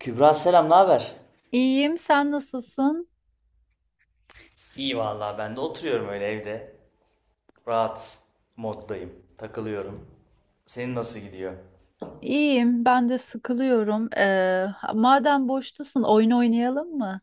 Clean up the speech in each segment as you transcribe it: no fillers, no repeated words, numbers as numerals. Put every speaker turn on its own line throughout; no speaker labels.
Kübra selam, ne haber?
İyiyim, sen nasılsın?
İyi vallahi ben de oturuyorum öyle evde. Rahat moddayım. Takılıyorum. Senin nasıl gidiyor?
İyiyim, ben de sıkılıyorum. Madem boştasın, oyun oynayalım mı?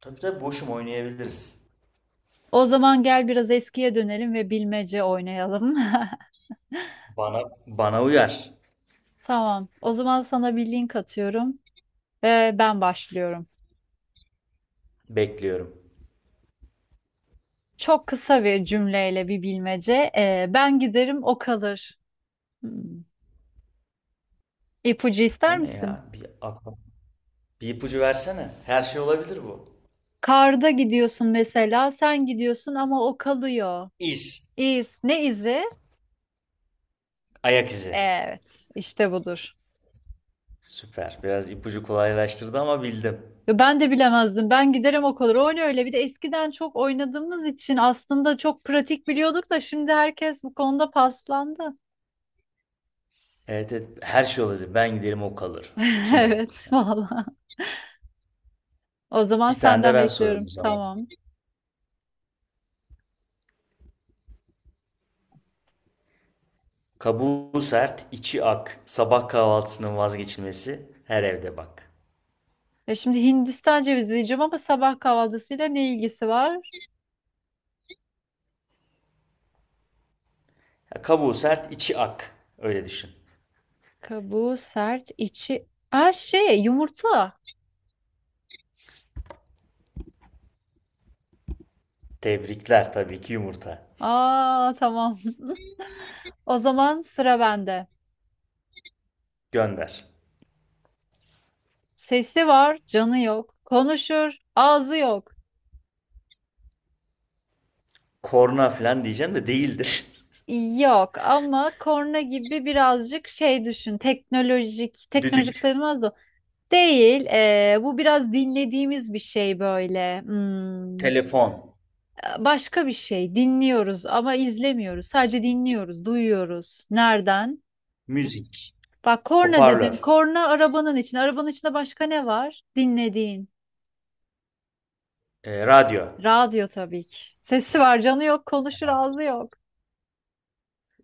Tabii tabii boşum, oynayabiliriz.
O zaman gel biraz eskiye dönelim ve bilmece oynayalım.
Bana uyar.
Tamam, o zaman sana bir link atıyorum ve ben başlıyorum.
Bekliyorum.
Çok kısa bir cümleyle bir bilmece. Ben giderim, o kalır. Hmm. İpucu ister
O ne
misin?
ya? Bir ipucu versene. Her şey olabilir bu.
Karda gidiyorsun mesela, sen gidiyorsun ama o kalıyor.
İz.
İz, ne izi?
Ayak izi.
Evet, işte budur.
Süper. Biraz ipucu kolaylaştırdı ama bildim.
Ya ben de bilemezdim. Ben giderim o kadar. Öyle öyle. Bir de eskiden çok oynadığımız için aslında çok pratik biliyorduk da şimdi herkes bu konuda paslandı.
Evet evet, her şey olabilir. Ben giderim o kalır. Kim o?
Evet, valla. O zaman
Bir tane de
senden
ben sorayım
bekliyorum.
o zaman.
Tamam.
Kabuğu sert, içi ak. Sabah kahvaltısının vazgeçilmesi her evde bak.
Ya şimdi Hindistan cevizi diyeceğim ama sabah kahvaltısıyla ne ilgisi var?
Ya, kabuğu sert, içi ak. Öyle düşün.
Kabuğu sert, içi... Aa şey, yumurta.
Tebrikler, tabii ki yumurta.
Aa tamam. O zaman sıra bende.
Gönder.
Sesi var, canı yok. Konuşur, ağzı yok.
Korna falan diyeceğim de değildir.
Yok ama korna gibi birazcık şey düşün. Teknolojik, teknolojik
Düdük,
sayılmaz da. Değil. Bu biraz dinlediğimiz bir şey böyle. Hmm,
telefon,
başka bir şey. Dinliyoruz ama izlemiyoruz. Sadece dinliyoruz, duyuyoruz. Nereden?
müzik,
Bak korna dedin.
hoparlör,
Korna arabanın içinde. Arabanın içinde başka ne var? Dinlediğin.
radyo.
Radyo tabii ki. Sesi var, canı yok, konuşur, ağzı yok.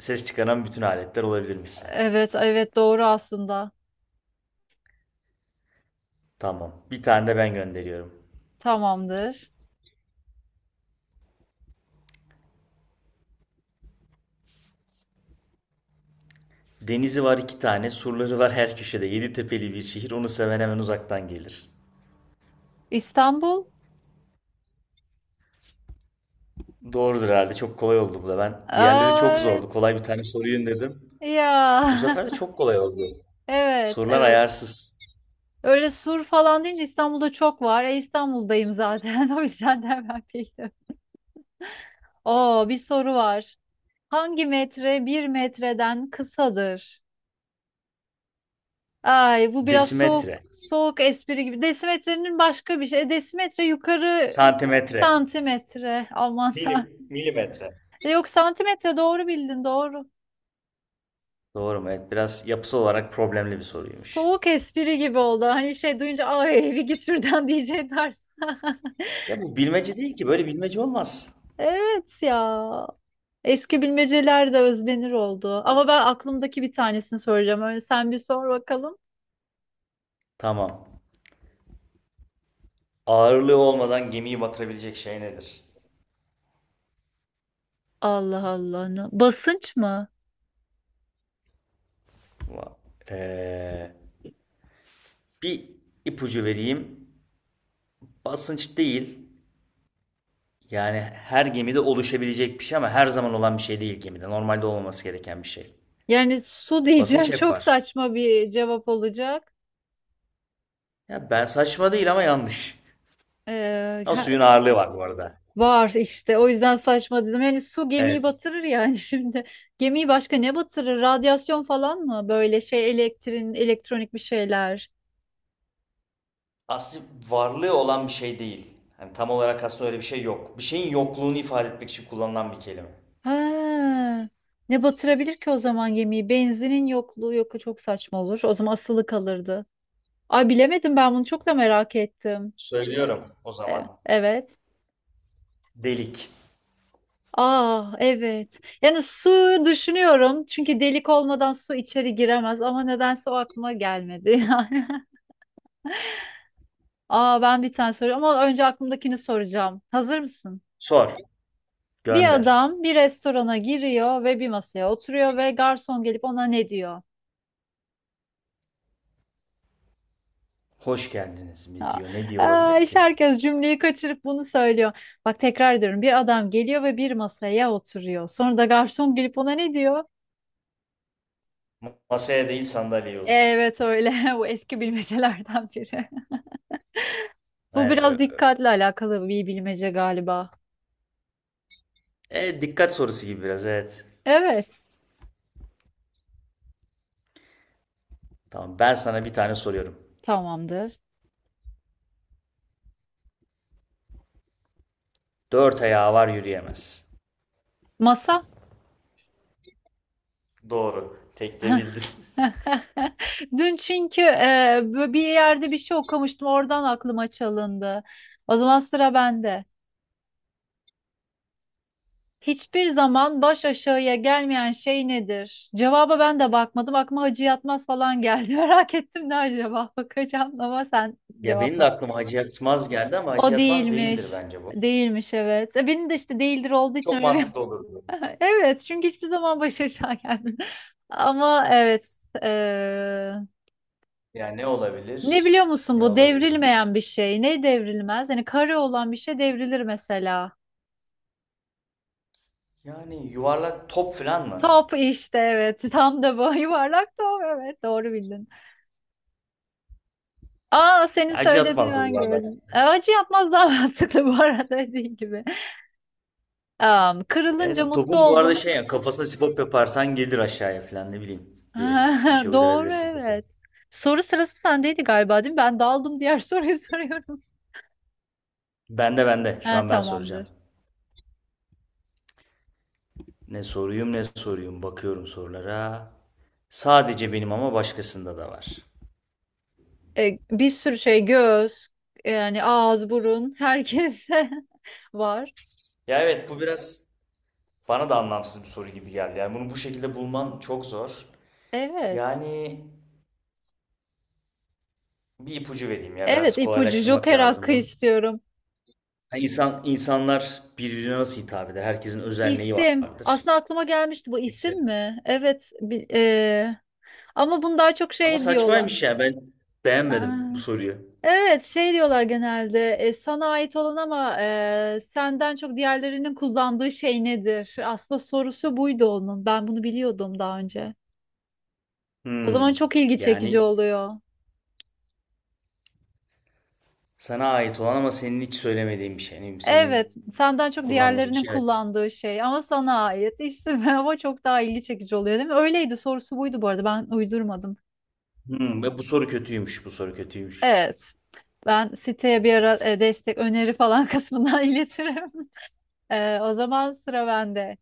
Ses çıkaran bütün aletler olabilirmiş zaten.
Evet, evet doğru aslında.
Tamam. Bir tane de ben gönderiyorum.
Tamamdır.
Denizi var iki tane, surları var her köşede. Yedi tepeli bir şehir, onu seven hemen uzaktan gelir.
İstanbul.
Doğrudur herhalde. Çok kolay oldu bu da. Ben, diğerleri
Aa,
çok zordu,
evet.
kolay bir tane sorayım dedim. Bu
Ya
sefer de çok kolay oldu.
evet
Sorular
evet.
ayarsız.
Öyle sur falan deyince İstanbul'da çok var. E İstanbul'dayım zaten. O yüzden de hemen bildim. Oo bir soru var. Hangi metre bir metreden kısadır? Ay bu biraz soğuk
Desimetre,
soğuk espri gibi. Desimetrenin başka bir şey. Desimetre yukarı
santimetre,
santimetre. Aman
milim,
tanrım.
milimetre.
Yok santimetre doğru bildin doğru.
Doğru mu? Evet, biraz yapısal olarak problemli bir soruymuş.
Soğuk espri gibi oldu. Hani şey duyunca ay bir git şuradan diyeceğim tarz.
Ya bu bilmece değil ki. Böyle bilmece olmaz.
Evet ya. Eski bilmeceler de özlenir oldu. Ama ben aklımdaki bir tanesini soracağım. Öyle sen bir sor bakalım.
Tamam. Ağırlığı olmadan gemiyi batırabilecek şey nedir?
Allah Allah. Basınç mı?
Va- Ee, bir ipucu vereyim. Basınç değil. Yani her gemide oluşabilecek bir şey ama her zaman olan bir şey değil gemide. Normalde olmaması gereken bir şey.
Yani su diyeceğim
Basınç hep
çok
var.
saçma bir cevap olacak.
Ya ben, saçma değil ama yanlış.
Ee,
Ama
ha-
suyun ağırlığı var bu arada.
Var işte o yüzden saçma dedim. Yani su gemiyi
Evet.
batırır yani şimdi. Gemiyi başka ne batırır? Radyasyon falan mı? Böyle şey elektrin, elektronik bir şeyler.
Aslında varlığı olan bir şey değil. Hani tam olarak aslında öyle bir şey yok. Bir şeyin yokluğunu ifade etmek için kullanılan bir kelime.
Ha, ne batırabilir ki o zaman gemiyi? Benzinin yokluğu yok çok saçma olur. O zaman asılı kalırdı. Ay bilemedim ben bunu çok da merak ettim.
Söylüyorum o
Evet.
zaman.
Evet.
Delik.
Aa evet. Yani su düşünüyorum. Çünkü delik olmadan su içeri giremez ama nedense o aklıma gelmedi yani. Aa ben bir tane soruyorum ama önce aklımdakini soracağım. Hazır mısın?
Sor.
Bir
Gönder.
adam bir restorana giriyor ve bir masaya oturuyor ve garson gelip ona ne diyor?
Hoş geldiniz mi
Ha.
diyor. Ne diyor
Aa,
olabilir
işte
ki?
herkes cümleyi kaçırıp bunu söylüyor. Bak tekrar ediyorum. Bir adam geliyor ve bir masaya oturuyor. Sonra da garson gelip ona ne diyor?
Masaya değil, sandalyeye otur.
Evet öyle. Bu eski bilmecelerden biri. Bu
Aynen.
biraz dikkatle alakalı bir bilmece galiba.
Dikkat sorusu gibi biraz, evet.
Evet.
Tamam, ben sana bir tane soruyorum.
Tamamdır.
Dört ayağı var, yürüyemez.
Masa.
Doğru. Tek de bildin.
Dün çünkü bir yerde bir şey okumuştum. Oradan aklıma çalındı. O zaman sıra bende. Hiçbir zaman baş aşağıya gelmeyen şey nedir? Cevaba ben de bakmadım. Aklıma Hacı Yatmaz falan geldi. Merak ettim ne acaba? Bakacağım ama sen
Ya benim de
cevapla.
aklıma Hacı Yatmaz geldi ama Hacı
O
Yatmaz değildir
değilmiş.
bence bu.
Değilmiş evet. Benim de işte değildir olduğu için
Çok
öyle bir...
mantıklı olurdu.
Evet çünkü hiçbir zaman baş aşağı gelmedim. Ama evet. eee,
Yani ne
Ne
olabilir?
biliyor musun
Ne
bu
olabilir?
devrilmeyen bir şey. Ne devrilmez? Yani kare olan bir şey devrilir mesela.
Yani yuvarlak top falan mı?
Top işte evet. Tam da bu yuvarlak top evet doğru bildin. Aa senin
Ya Hacı
söylediğini
Yatmaz da
ben
yuvarlak.
gördüm. Acı yapmaz daha mantıklı bu arada dediğin gibi. Am, kırılınca
Evet,
mutlu
topun bu arada
oldum.
şey, ya kafasına sipop yaparsan gelir aşağıya falan, ne bileyim. Bir şey
Doğru
uydurabilirsin topa.
evet. Soru sırası sendeydi galiba değil mi? Ben daldım diğer soruyu soruyorum.
Bende bende. Şu
Ha,
an ben soracağım.
tamamdır.
Ne soruyum ne soruyum, bakıyorum sorulara. Sadece benim ama başkasında da var.
Bir sürü şey göz yani ağız burun herkese var.
Ya evet, bu biraz bana da anlamsız bir soru gibi geldi. Yani bunu bu şekilde bulman çok zor.
Evet.
Yani bir ipucu vereyim, ya
Evet
biraz
ipucu
kolaylaştırmak
Joker
lazım
hakkı
bunu.
istiyorum.
Yani insan, insanlar birbirine nasıl hitap eder? Herkesin özelliği
İsim.
vardır.
Aslında aklıma gelmişti bu
İsim.
isim mi? Evet. Ama bunu daha çok
Ama
şey diyorlar.
saçmaymış ya, ben beğenmedim
Aa,
bu soruyu.
evet şey diyorlar genelde sana ait olan ama senden çok diğerlerinin kullandığı şey nedir? Aslında sorusu buydu onun. Ben bunu biliyordum daha önce. O
Hmm.
zaman çok ilgi çekici
Yani
oluyor.
sana ait olan ama senin hiç söylemediğin bir şey. Yani
Evet,
senin
senden çok
kullanmadığın bir
diğerlerinin
şey. Evet.
kullandığı şey ama sana ait isim ama çok daha ilgi çekici oluyor değil mi? Öyleydi sorusu buydu bu arada ben uydurmadım.
Ve bu soru kötüymüş, bu soru kötüymüş.
Evet. Ben siteye bir ara destek öneri falan kısmından iletirim. O zaman sıra bende.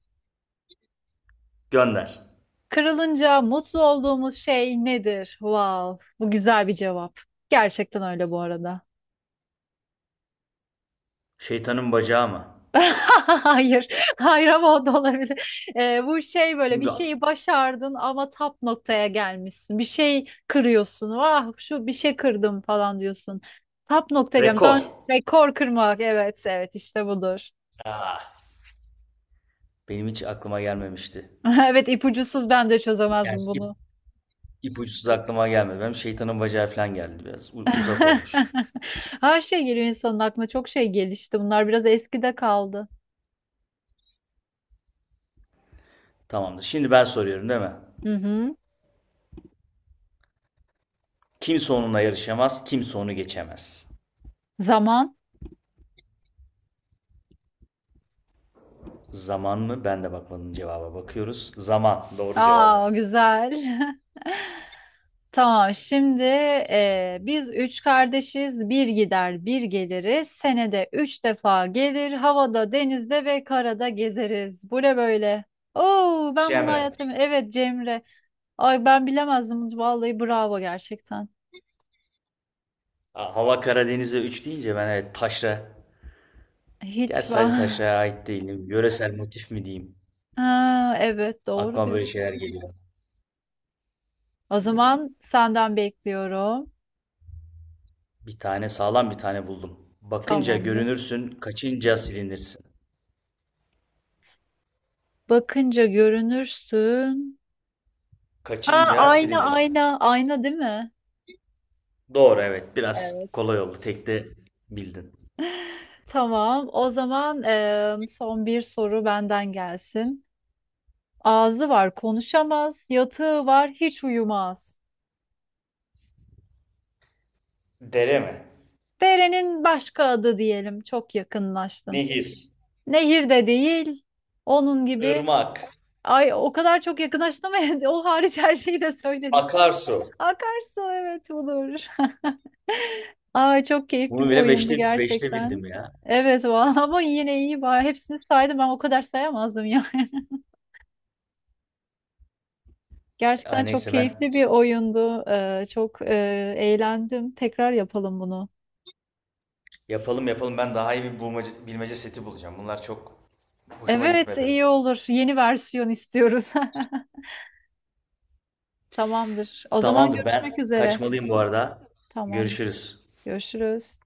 Gönder.
Kırılınca mutlu olduğumuz şey nedir? Wow, bu güzel bir cevap. Gerçekten öyle bu arada.
Şeytanın bacağı mı?
Hayır, hayır ama o da olabilir. Bu şey böyle bir
Ya,
şeyi başardın ama tap noktaya gelmişsin. Bir şey kırıyorsun. Vah şu bir şey kırdım falan diyorsun. Tap noktaya gelmiş. Daha
rekor.
önce rekor kırmak. Evet, evet işte budur.
Aa, benim hiç aklıma gelmemişti.
Evet ipucusuz ben de
Yani
çözemezdim bunu.
ipuçsuz aklıma gelmedi. Benim şeytanın bacağı falan geldi biraz. Uzak olmuş.
Her şey geliyor insanın aklına. Çok şey gelişti. Bunlar biraz eskide kaldı.
Tamamdır. Şimdi ben soruyorum değil mi?
Hı hı.
Kimse onunla yarışamaz, kimse onu geçemez.
Zaman.
Zaman mı? Ben de bakmadım cevaba. Bakıyoruz. Zaman. Doğru cevap.
Aa, güzel. Tamam. Şimdi biz üç kardeşiz. Bir gider, bir geliriz. Senede üç defa gelir. Havada, denizde ve karada gezeriz. Bu ne böyle? Oo, ben bunu
Cemre.
hayatım. Evet Cemre. Ay ben bilemezdim. Vallahi bravo gerçekten.
Aa, Hava Karadeniz'e 3 deyince, ben evet taşra. Gerçi
Hiç
sadece
var.
taşraya ait değil. Yöresel motif mi diyeyim?
Ha, evet doğru
Aklıma böyle
diyorsun.
şeyler geliyor.
O zaman senden bekliyorum.
Bir tane sağlam bir tane buldum. Bakınca
Tamamdır.
görünürsün, kaçınca silinirsin.
Bakınca görünürsün. Ha
Kaçınca
ayna
silinirsin.
ayna ayna değil mi?
Doğru, evet. Biraz
Evet.
kolay oldu. Tek de bildin.
Tamam. O zaman son bir soru benden gelsin. Ağzı var, konuşamaz. Yatığı var, hiç uyumaz.
Dere mi?
Derenin başka adı diyelim. Çok yakınlaştın.
Nehir.
Nehir de değil. Onun gibi.
Irmak,
Ay o kadar çok yakınlaştın ama o hariç her şeyi de söyledin.
akarsu.
Akarsu evet olur. Ay çok keyifli
Bunu
bir
bile
oyundu
beşte
gerçekten.
bildim ya.
Evet vallahi ama yine iyi var. Hepsini saydım ben o kadar sayamazdım yani. Gerçekten
Ay
çok
neyse, ben,
keyifli bir oyundu. Çok eğlendim. Tekrar yapalım bunu.
yapalım yapalım. Ben daha iyi bir bulmaca, bilmece seti bulacağım. Bunlar çok hoşuma
Evet
gitmedi.
iyi olur. Yeni versiyon istiyoruz. Tamamdır. O zaman
Tamamdır,
görüşmek
ben
üzere.
kaçmalıyım bu arada.
Tamamdır.
Görüşürüz.
Görüşürüz.